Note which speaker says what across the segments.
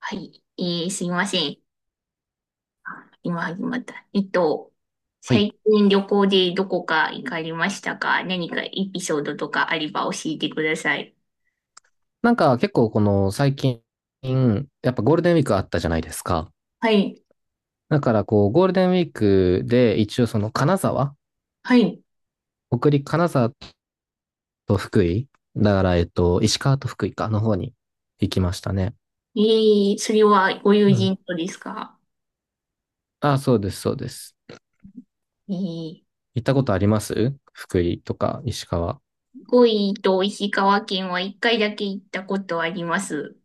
Speaker 1: はい。すいません。あ、今始まった。
Speaker 2: はい。
Speaker 1: 最近旅行でどこか行かれましたか？何かエピソードとかあれば教えてください。
Speaker 2: なんか結構この最近、やっぱゴールデンウィークあったじゃないですか。
Speaker 1: はい。
Speaker 2: だからこう、ゴールデンウィークで一応その金沢、
Speaker 1: はい。
Speaker 2: 北陸金沢と福井、だから石川と福井かの方に行きましたね。
Speaker 1: それはご友
Speaker 2: うん。
Speaker 1: 人とですか？
Speaker 2: あ、そうです、そうです。
Speaker 1: えー、
Speaker 2: 行ったことあります福井とか石川。あ
Speaker 1: 福井と石川県は一回だけ行ったことあります。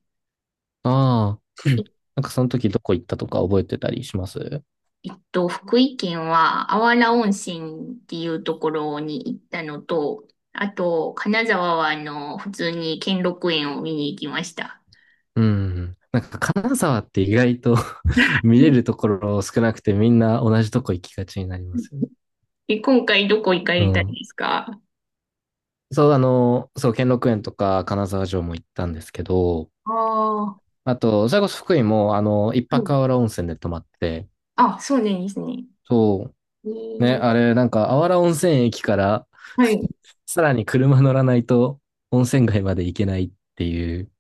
Speaker 2: あ、
Speaker 1: え
Speaker 2: なんかその時どこ行ったとか覚えてたりします？
Speaker 1: 福井県はあわら温泉っていうところに行ったのと、あと、金沢は普通に兼六園を見に行きました。
Speaker 2: うん。なんか金沢って意外と 見れると ころ少なくてみんな同じとこ行きがちになりますよね。
Speaker 1: 今回どこ行か
Speaker 2: う
Speaker 1: れたん
Speaker 2: ん。
Speaker 1: ですか？
Speaker 2: そう、あの、そう、兼六園とか金沢城も行ったんですけど、
Speaker 1: ああ、は
Speaker 2: あと、それこそ福井も、あの、一泊
Speaker 1: い。
Speaker 2: あわら温泉で泊まって、
Speaker 1: あ、そうなんですね。
Speaker 2: そ
Speaker 1: え
Speaker 2: う、ね、
Speaker 1: ー。
Speaker 2: あれ、なんか、あわら温泉駅から
Speaker 1: はい。
Speaker 2: さらに車乗らないと温泉街まで行けないっていう、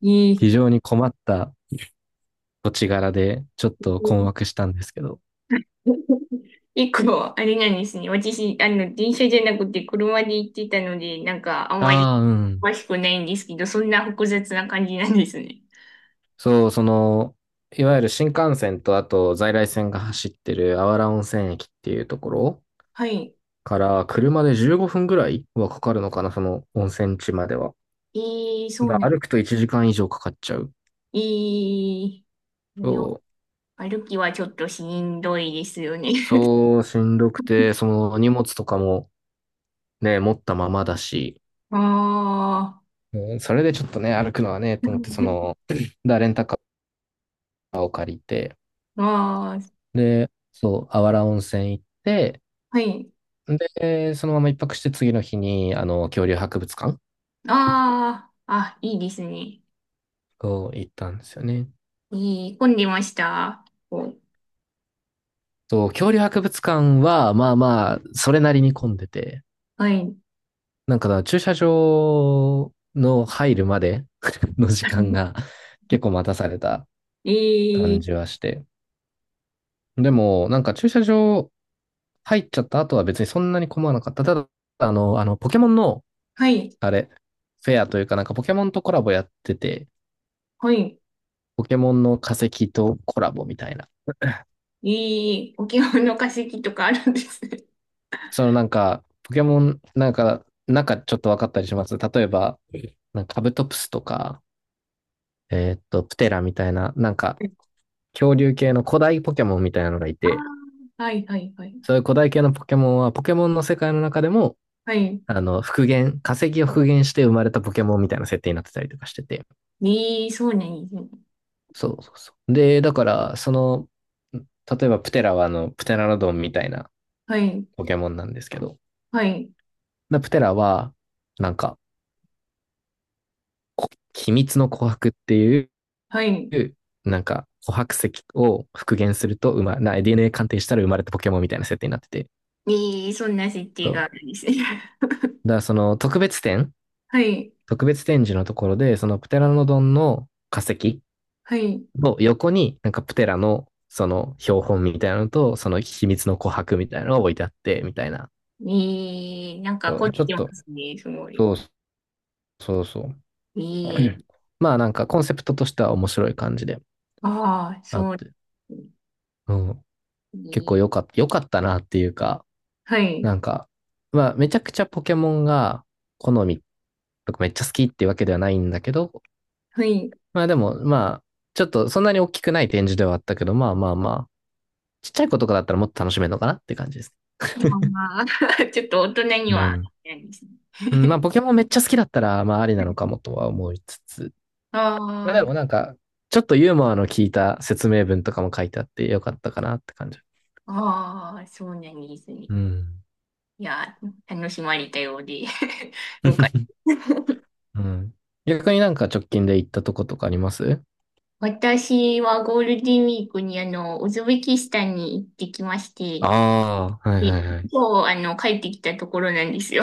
Speaker 1: いい。
Speaker 2: 非常に困った土地柄で、ちょっと困惑したんですけど。
Speaker 1: 結構、あれなんですね。私、電車じゃなくて車で行ってたので、なんか、あまり
Speaker 2: ああ、うん。
Speaker 1: 詳しくないんですけど、そんな複雑な感じなんですね。
Speaker 2: そう、その、いわゆる新幹線とあと在来線が走ってるあわら温泉駅っていうところ
Speaker 1: はい。
Speaker 2: から車で15分ぐらいはかかるのかな、その温泉地までは。
Speaker 1: えそう
Speaker 2: だ
Speaker 1: な
Speaker 2: から
Speaker 1: ん。
Speaker 2: 歩くと1時間以上かかっちゃう。
Speaker 1: えー、
Speaker 2: そう、
Speaker 1: 歩きはちょっとしんどいですよね。
Speaker 2: そう、しんどくて、その荷物とかもね、持ったままだし、
Speaker 1: あ
Speaker 2: うん、それでちょっとね、歩くのはね、と思って、その、だ、レンタカーを借りて、
Speaker 1: あ、ああ、
Speaker 2: で、そう、あわら温泉行って、
Speaker 1: はい。
Speaker 2: で、そのまま一泊して次の日に、あの、恐竜博物館
Speaker 1: ああ、あ、いいですね。
Speaker 2: を行ったんですよね。
Speaker 1: いい、混んでました？お。
Speaker 2: そう、恐竜博物館は、まあまあ、それなりに混んでて、
Speaker 1: はい。
Speaker 2: なんかだから駐車場の入るまで の時間が 結構待たされた
Speaker 1: え
Speaker 2: 感じ
Speaker 1: ー、
Speaker 2: はして。でも、なんか駐車場入っちゃった後は別にそんなに困らなかった。ただ、あの、ポケモンの、
Speaker 1: はい、
Speaker 2: あれ、フェアというかなんかポケモンとコラボやってて、
Speaker 1: はい。
Speaker 2: ポケモンの化石とコラボみたいな。
Speaker 1: え沖縄の化石とかあるんですね。
Speaker 2: そのなんか、ポケモン、なんかちょっと分かったりします。例えば、なんかカブトプスとか、プテラみたいな、なんか、恐竜系の古代ポケモンみたいなのがい
Speaker 1: あ
Speaker 2: て、
Speaker 1: あ、はい、はい、はい。
Speaker 2: そういう古代系のポケモンは、ポケモンの世界の中でも、
Speaker 1: はい。
Speaker 2: あの、復元、化石を復元して生まれたポケモンみたいな設定になってたりとかしてて。
Speaker 1: そうなんですね。
Speaker 2: そうそうそう。で、だから、その、例えばプテラはあの、プテラノドンみたいな
Speaker 1: はい、
Speaker 2: ポケモンなんですけど、
Speaker 1: はい、
Speaker 2: でプテラは、なんか、秘密の琥珀っていう、
Speaker 1: はい。
Speaker 2: なんか、琥珀石を復元すると、ま、な、DNA 鑑定したら生まれたポケモンみたいな設定になってて、
Speaker 1: えそんな設定
Speaker 2: そ
Speaker 1: があ
Speaker 2: う。
Speaker 1: るんですね。
Speaker 2: だからその
Speaker 1: はい、
Speaker 2: 特別展示のところで、そのプテラノドンの化石
Speaker 1: はい。
Speaker 2: の横に、なんかプテラのその標本みたいなのと、その秘密の琥珀みたいなのが置いてあって、みたいな。
Speaker 1: なんか
Speaker 2: そ
Speaker 1: 凝
Speaker 2: う、
Speaker 1: っ
Speaker 2: ちょ
Speaker 1: て
Speaker 2: っ
Speaker 1: ま
Speaker 2: と、
Speaker 1: すね、すごい。
Speaker 2: そうそうそう。
Speaker 1: え ー、
Speaker 2: まあなんかコンセプトとしては面白い感じで
Speaker 1: ああ、
Speaker 2: あっ
Speaker 1: そうで
Speaker 2: て、
Speaker 1: すね。
Speaker 2: うん、
Speaker 1: え
Speaker 2: 結構
Speaker 1: ー、
Speaker 2: 良かった、良かったなっていうか、
Speaker 1: はい。
Speaker 2: なんか、まあめちゃくちゃポケモンが好みとかめっちゃ好きっていうわけではないんだけど、
Speaker 1: はい。
Speaker 2: まあでもまあ、ちょっとそんなに大きくない展示ではあったけど、まあまあまちっちゃい子とかだったらもっと楽しめるのかなって感じです。
Speaker 1: あちょっと大人に
Speaker 2: う
Speaker 1: は、
Speaker 2: ん。
Speaker 1: ないですね。
Speaker 2: うん、まあ、ポケモンめっちゃ好きだったら、まあ、ありなのかもとは思いつつ、
Speaker 1: あ
Speaker 2: まあ、で
Speaker 1: あ、
Speaker 2: もなんか、ちょっとユーモアの効いた説明文とかも書いてあってよかったかなって感じ。
Speaker 1: ああ、そうなんですね。
Speaker 2: うん。
Speaker 1: いや、楽しまれたようで。よかった。
Speaker 2: うん。逆になんか直近で行ったとことかあります？
Speaker 1: 私はゴールデンウィークにウズベキスタンに行ってきまして、
Speaker 2: ああ、はい
Speaker 1: で、
Speaker 2: はいはい。
Speaker 1: 今日帰ってきたところなんですよ。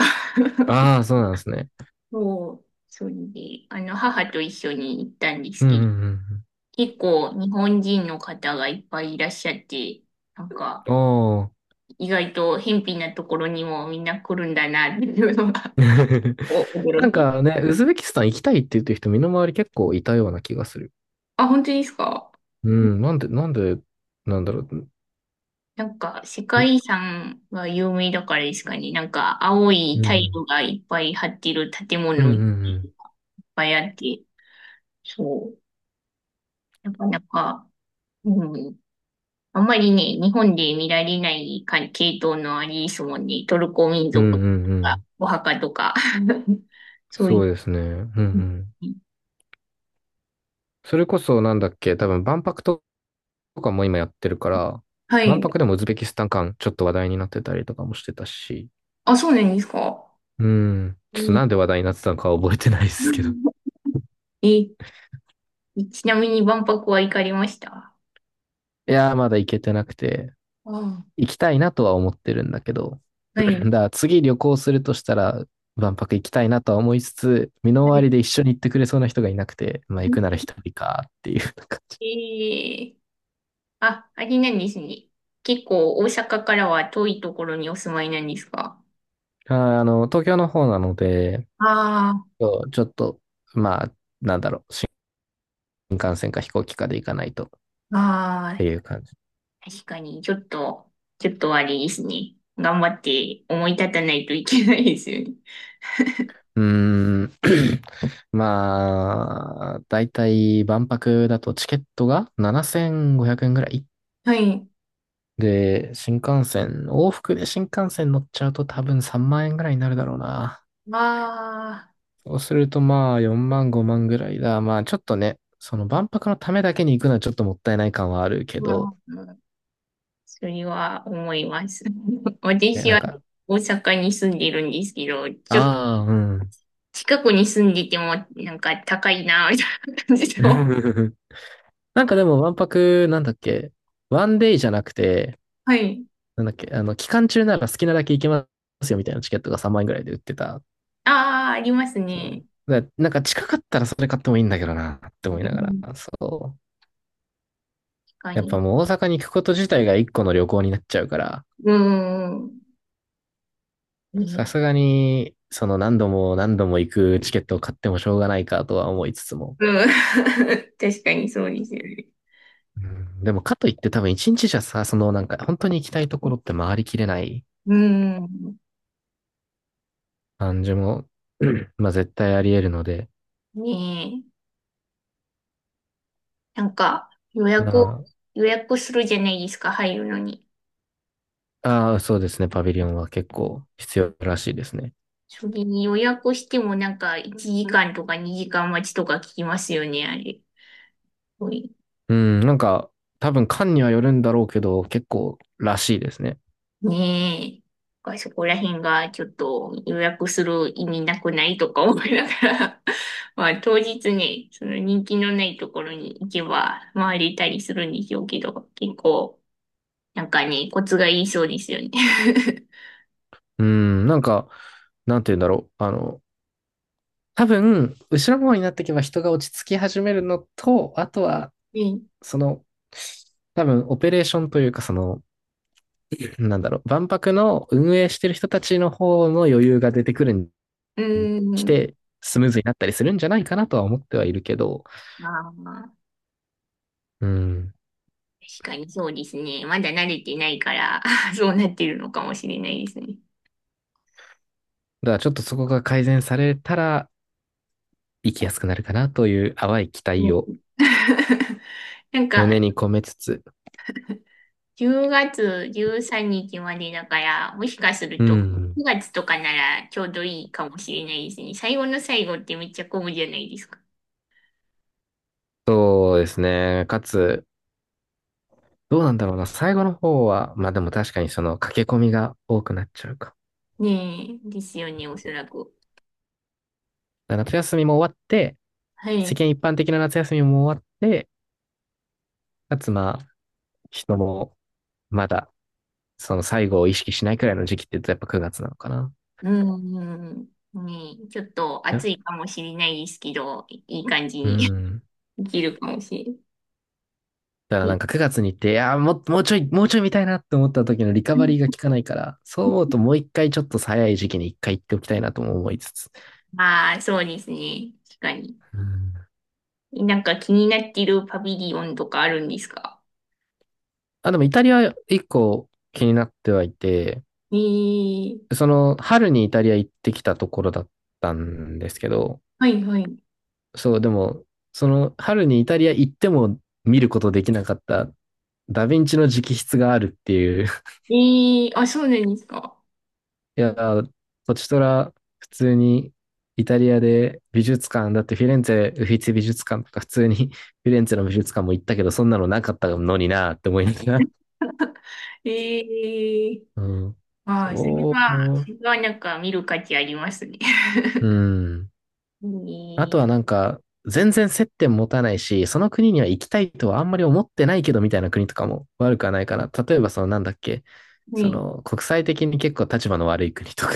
Speaker 2: あ あ、そうなんですね。
Speaker 1: そう、それで、母と一緒に行ったんです
Speaker 2: うんうん
Speaker 1: け
Speaker 2: う
Speaker 1: ど、
Speaker 2: ん。
Speaker 1: 結構日本人の方がいっぱいいらっしゃって、なんか、
Speaker 2: おー。
Speaker 1: 意外と偏僻なところにもみんな来るんだなっていうのが、お
Speaker 2: な
Speaker 1: 驚
Speaker 2: ん
Speaker 1: き。
Speaker 2: かね、ウズベキスタン行きたいって言ってる人、身の回り結構いたような気がする。
Speaker 1: あ、本当ですか？
Speaker 2: うん、なんだろう。
Speaker 1: なんか、世界遺産が有名だからですかね。なんか、青い
Speaker 2: う
Speaker 1: タイ
Speaker 2: ん。
Speaker 1: ルがいっぱい張ってる建
Speaker 2: うんう
Speaker 1: 物い
Speaker 2: ん
Speaker 1: っ
Speaker 2: うん。
Speaker 1: ぱいあって、そう。なかなか、うん。あんまりね、日本で見られないか系統のありですもんね。トルコ民
Speaker 2: うん
Speaker 1: 族と
Speaker 2: うんう
Speaker 1: か、
Speaker 2: ん。
Speaker 1: お墓とか。そうい
Speaker 2: そう
Speaker 1: う。
Speaker 2: ですね。うんうん。それこそなんだっけ、多分万博とかも今やってるから、
Speaker 1: は
Speaker 2: 万
Speaker 1: い。
Speaker 2: 博でもウズベキスタン館ちょっと話題になってたりとかもしてたし、
Speaker 1: あ、そうなんですか。
Speaker 2: うん。ちょっとなん
Speaker 1: え
Speaker 2: で話題になってたのかは覚えてないで
Speaker 1: う
Speaker 2: すけど。
Speaker 1: ん。 え、ちなみに万博は行かれました
Speaker 2: いやー、まだ行けてなくて、
Speaker 1: あ、
Speaker 2: 行きたいなとは思ってるんだけど、
Speaker 1: はい。
Speaker 2: だから次旅行するとしたら、万博行きたいなとは思いつつ、身
Speaker 1: は
Speaker 2: の回
Speaker 1: い。
Speaker 2: りで一緒に行ってくれそうな人がいなくて、まあ行くなら一人かっていう。
Speaker 1: えー、あ、あれなんですね。結構大阪からは遠いところにお住まいなんですか？
Speaker 2: あ、あの、東京の方なので、
Speaker 1: あ
Speaker 2: そうちょっと、まあ、なんだろう、新幹線か飛行機かで行かないとっ
Speaker 1: あ、あ
Speaker 2: て
Speaker 1: あ、
Speaker 2: いう感じ。
Speaker 1: 確かに、ちょっと、ちょっとあれですね。頑張って思い立たないといけないですよね。
Speaker 2: うーん、まあ、だいたい万博だとチケットが7500円ぐらい。
Speaker 1: はい。
Speaker 2: で、新幹線、往復で新幹線乗っちゃうと多分3万円ぐらいになるだろうな。
Speaker 1: ああ、
Speaker 2: そうするとまあ4万5万ぐらいだ。まあちょっとね、その万博のためだけに行くのはちょっともったいない感はあるけ
Speaker 1: ま
Speaker 2: ど、
Speaker 1: あ、それは思います。
Speaker 2: え
Speaker 1: 私
Speaker 2: なん
Speaker 1: は
Speaker 2: か、
Speaker 1: 大阪に住んでいるんですけど、ちょっ
Speaker 2: ああ、うん。
Speaker 1: 近くに住んでいても、なんか高いな、みたいな感じの。
Speaker 2: なんかでも、わんぱく、なんだっけ、ワンデイじゃなくて、
Speaker 1: はい。
Speaker 2: なんだっけ、あの、期間中なら好きなだけ行けますよみたいなチケットが3万円ぐらいで売ってた。
Speaker 1: ああ、あります
Speaker 2: そ
Speaker 1: ね。
Speaker 2: うだなんか近かったらそれ買ってもいいんだけどな、って思い
Speaker 1: う
Speaker 2: なが
Speaker 1: ん、
Speaker 2: ら。そう。
Speaker 1: 確か
Speaker 2: やっぱ
Speaker 1: に。
Speaker 2: もう大阪に行くこと自体が一個の旅行になっちゃうから、
Speaker 1: うーん。ね、
Speaker 2: さすがに、その何度も行くチケットを買ってもしょうがないかとは思いつつも。
Speaker 1: うん。確かにそうですよね。
Speaker 2: うんでもかといって多分一日じゃさ、そのなんか本当に行きたいところって回りきれない
Speaker 1: うーん。
Speaker 2: 感じも、まあ絶対あり得るので、
Speaker 1: ねえ。なんか、
Speaker 2: な、
Speaker 1: 予約するじゃないですか、入るのに。
Speaker 2: ああ、そうですね、パビリオンは結構必要らしいですね。
Speaker 1: それに予約してもなんか1時間とか2時間待ちとか聞きますよね、あれ。
Speaker 2: うん、なんか多分館にはよるんだろうけど、結構らしいですね。
Speaker 1: ねえ。なんかそこら辺がちょっと予約する意味なくないとか思いながら。 まあ当日ね、その人気のないところに行けば回れたりするんでしょうけど、結構なんかね、コツがいいそうですよね。
Speaker 2: うん、なんか、なんて言うんだろう。あの、多分、後ろの方になっていけば人が落ち着き始めるのと、あとは、
Speaker 1: ね、
Speaker 2: その、多分、オペレーションというか、その、なんだろう、万博の運営してる人たちの方の余裕が出てくるに
Speaker 1: うー
Speaker 2: 来
Speaker 1: ん。
Speaker 2: て、スムーズになったりするんじゃないかなとは思ってはいるけど、
Speaker 1: まあまあ、
Speaker 2: うん。
Speaker 1: 確かにそうですね。まだ慣れてないから、 そうなってるのかもしれないですね。
Speaker 2: だからちょっとそこが改善されたら、生きやすくなるかなという淡い期
Speaker 1: う
Speaker 2: 待
Speaker 1: ん。
Speaker 2: を
Speaker 1: なんか、
Speaker 2: 胸に込めつつ、
Speaker 1: 10月13日までだから、もしかする
Speaker 2: う
Speaker 1: と
Speaker 2: ん。
Speaker 1: 9月とかならちょうどいいかもしれないですね。最後の最後ってめっちゃ混むじゃないですか。
Speaker 2: そうですね。かつ、どうなんだろうな。最後の方は、まあでも確かにその駆け込みが多くなっちゃうか。
Speaker 1: ねえ、ですよね、おそらく。
Speaker 2: だから夏休みも終わって、
Speaker 1: は
Speaker 2: 世
Speaker 1: い。
Speaker 2: 間一般的な夏休みも終わって、かつまあ、人もまだその最後を意識しないくらいの時期って言うとやっぱ9月なのかな。
Speaker 1: うん、うんうん。ねえ、ちょっと暑いかもしれないですけど、いい感じ
Speaker 2: う
Speaker 1: に
Speaker 2: ん。
Speaker 1: できるかもしれな
Speaker 2: だから
Speaker 1: い。
Speaker 2: なんか9月に行って、いやー、もうちょい見たいなって思った時のリカバリーが効かないから、そう思うともう一回ちょっと早い時期に一回行っておきたいなとも思いつつ。
Speaker 1: ああー、そうですね。確かに。
Speaker 2: うん。
Speaker 1: なんか気になってるパビリオンとかあるんですか？
Speaker 2: あ、でもイタリア一個気になってはいて、
Speaker 1: ええ。
Speaker 2: その春にイタリア行ってきたところだったんですけど、
Speaker 1: はいはい。
Speaker 2: そう、でも、その春にイタリア行っても見ることできなかったダヴィンチの直筆があるっていう。
Speaker 1: ええ、あ、そうなんですか？
Speaker 2: いやー、ポチトラ、普通にイタリアで美術館、だってフィレンツェ、ウフィツィ美術館とか普通に フィレンツェの美術館も行ったけど、そんなのなかったのになーって思いながら。
Speaker 1: ええ、
Speaker 2: うん。
Speaker 1: ああ、それ
Speaker 2: そ
Speaker 1: は、そ
Speaker 2: う。
Speaker 1: れはなんか見る価値ありますね。
Speaker 2: う ん。あと
Speaker 1: に、
Speaker 2: はなんか、全然接点持たないし、その国には行きたいとはあんまり思ってないけどみたいな国とかも悪くはないかな。例えばそのなんだっけ、そ
Speaker 1: に、
Speaker 2: の国際的に結構立場の悪い国とか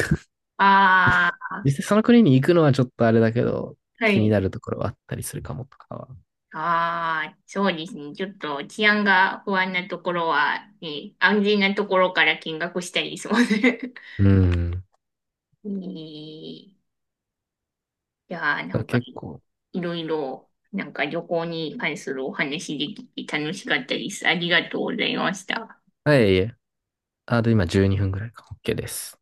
Speaker 1: あ
Speaker 2: 実際その国に行くのはちょっとあれだけど、
Speaker 1: あ、は
Speaker 2: 気に
Speaker 1: い。
Speaker 2: なるところはあったりするかもとかは。
Speaker 1: ああ、そうですね。ちょっと治安が不安なところは、ね、安全なところから見学したりそうね。
Speaker 2: うん。だ
Speaker 1: に、いやな
Speaker 2: から
Speaker 1: んか、
Speaker 2: 結構。
Speaker 1: いろいろ、なんか旅行に関するお話できて楽しかったです。ありがとうございました。
Speaker 2: はい、いえ。あと今12分ぐらいか。OK です。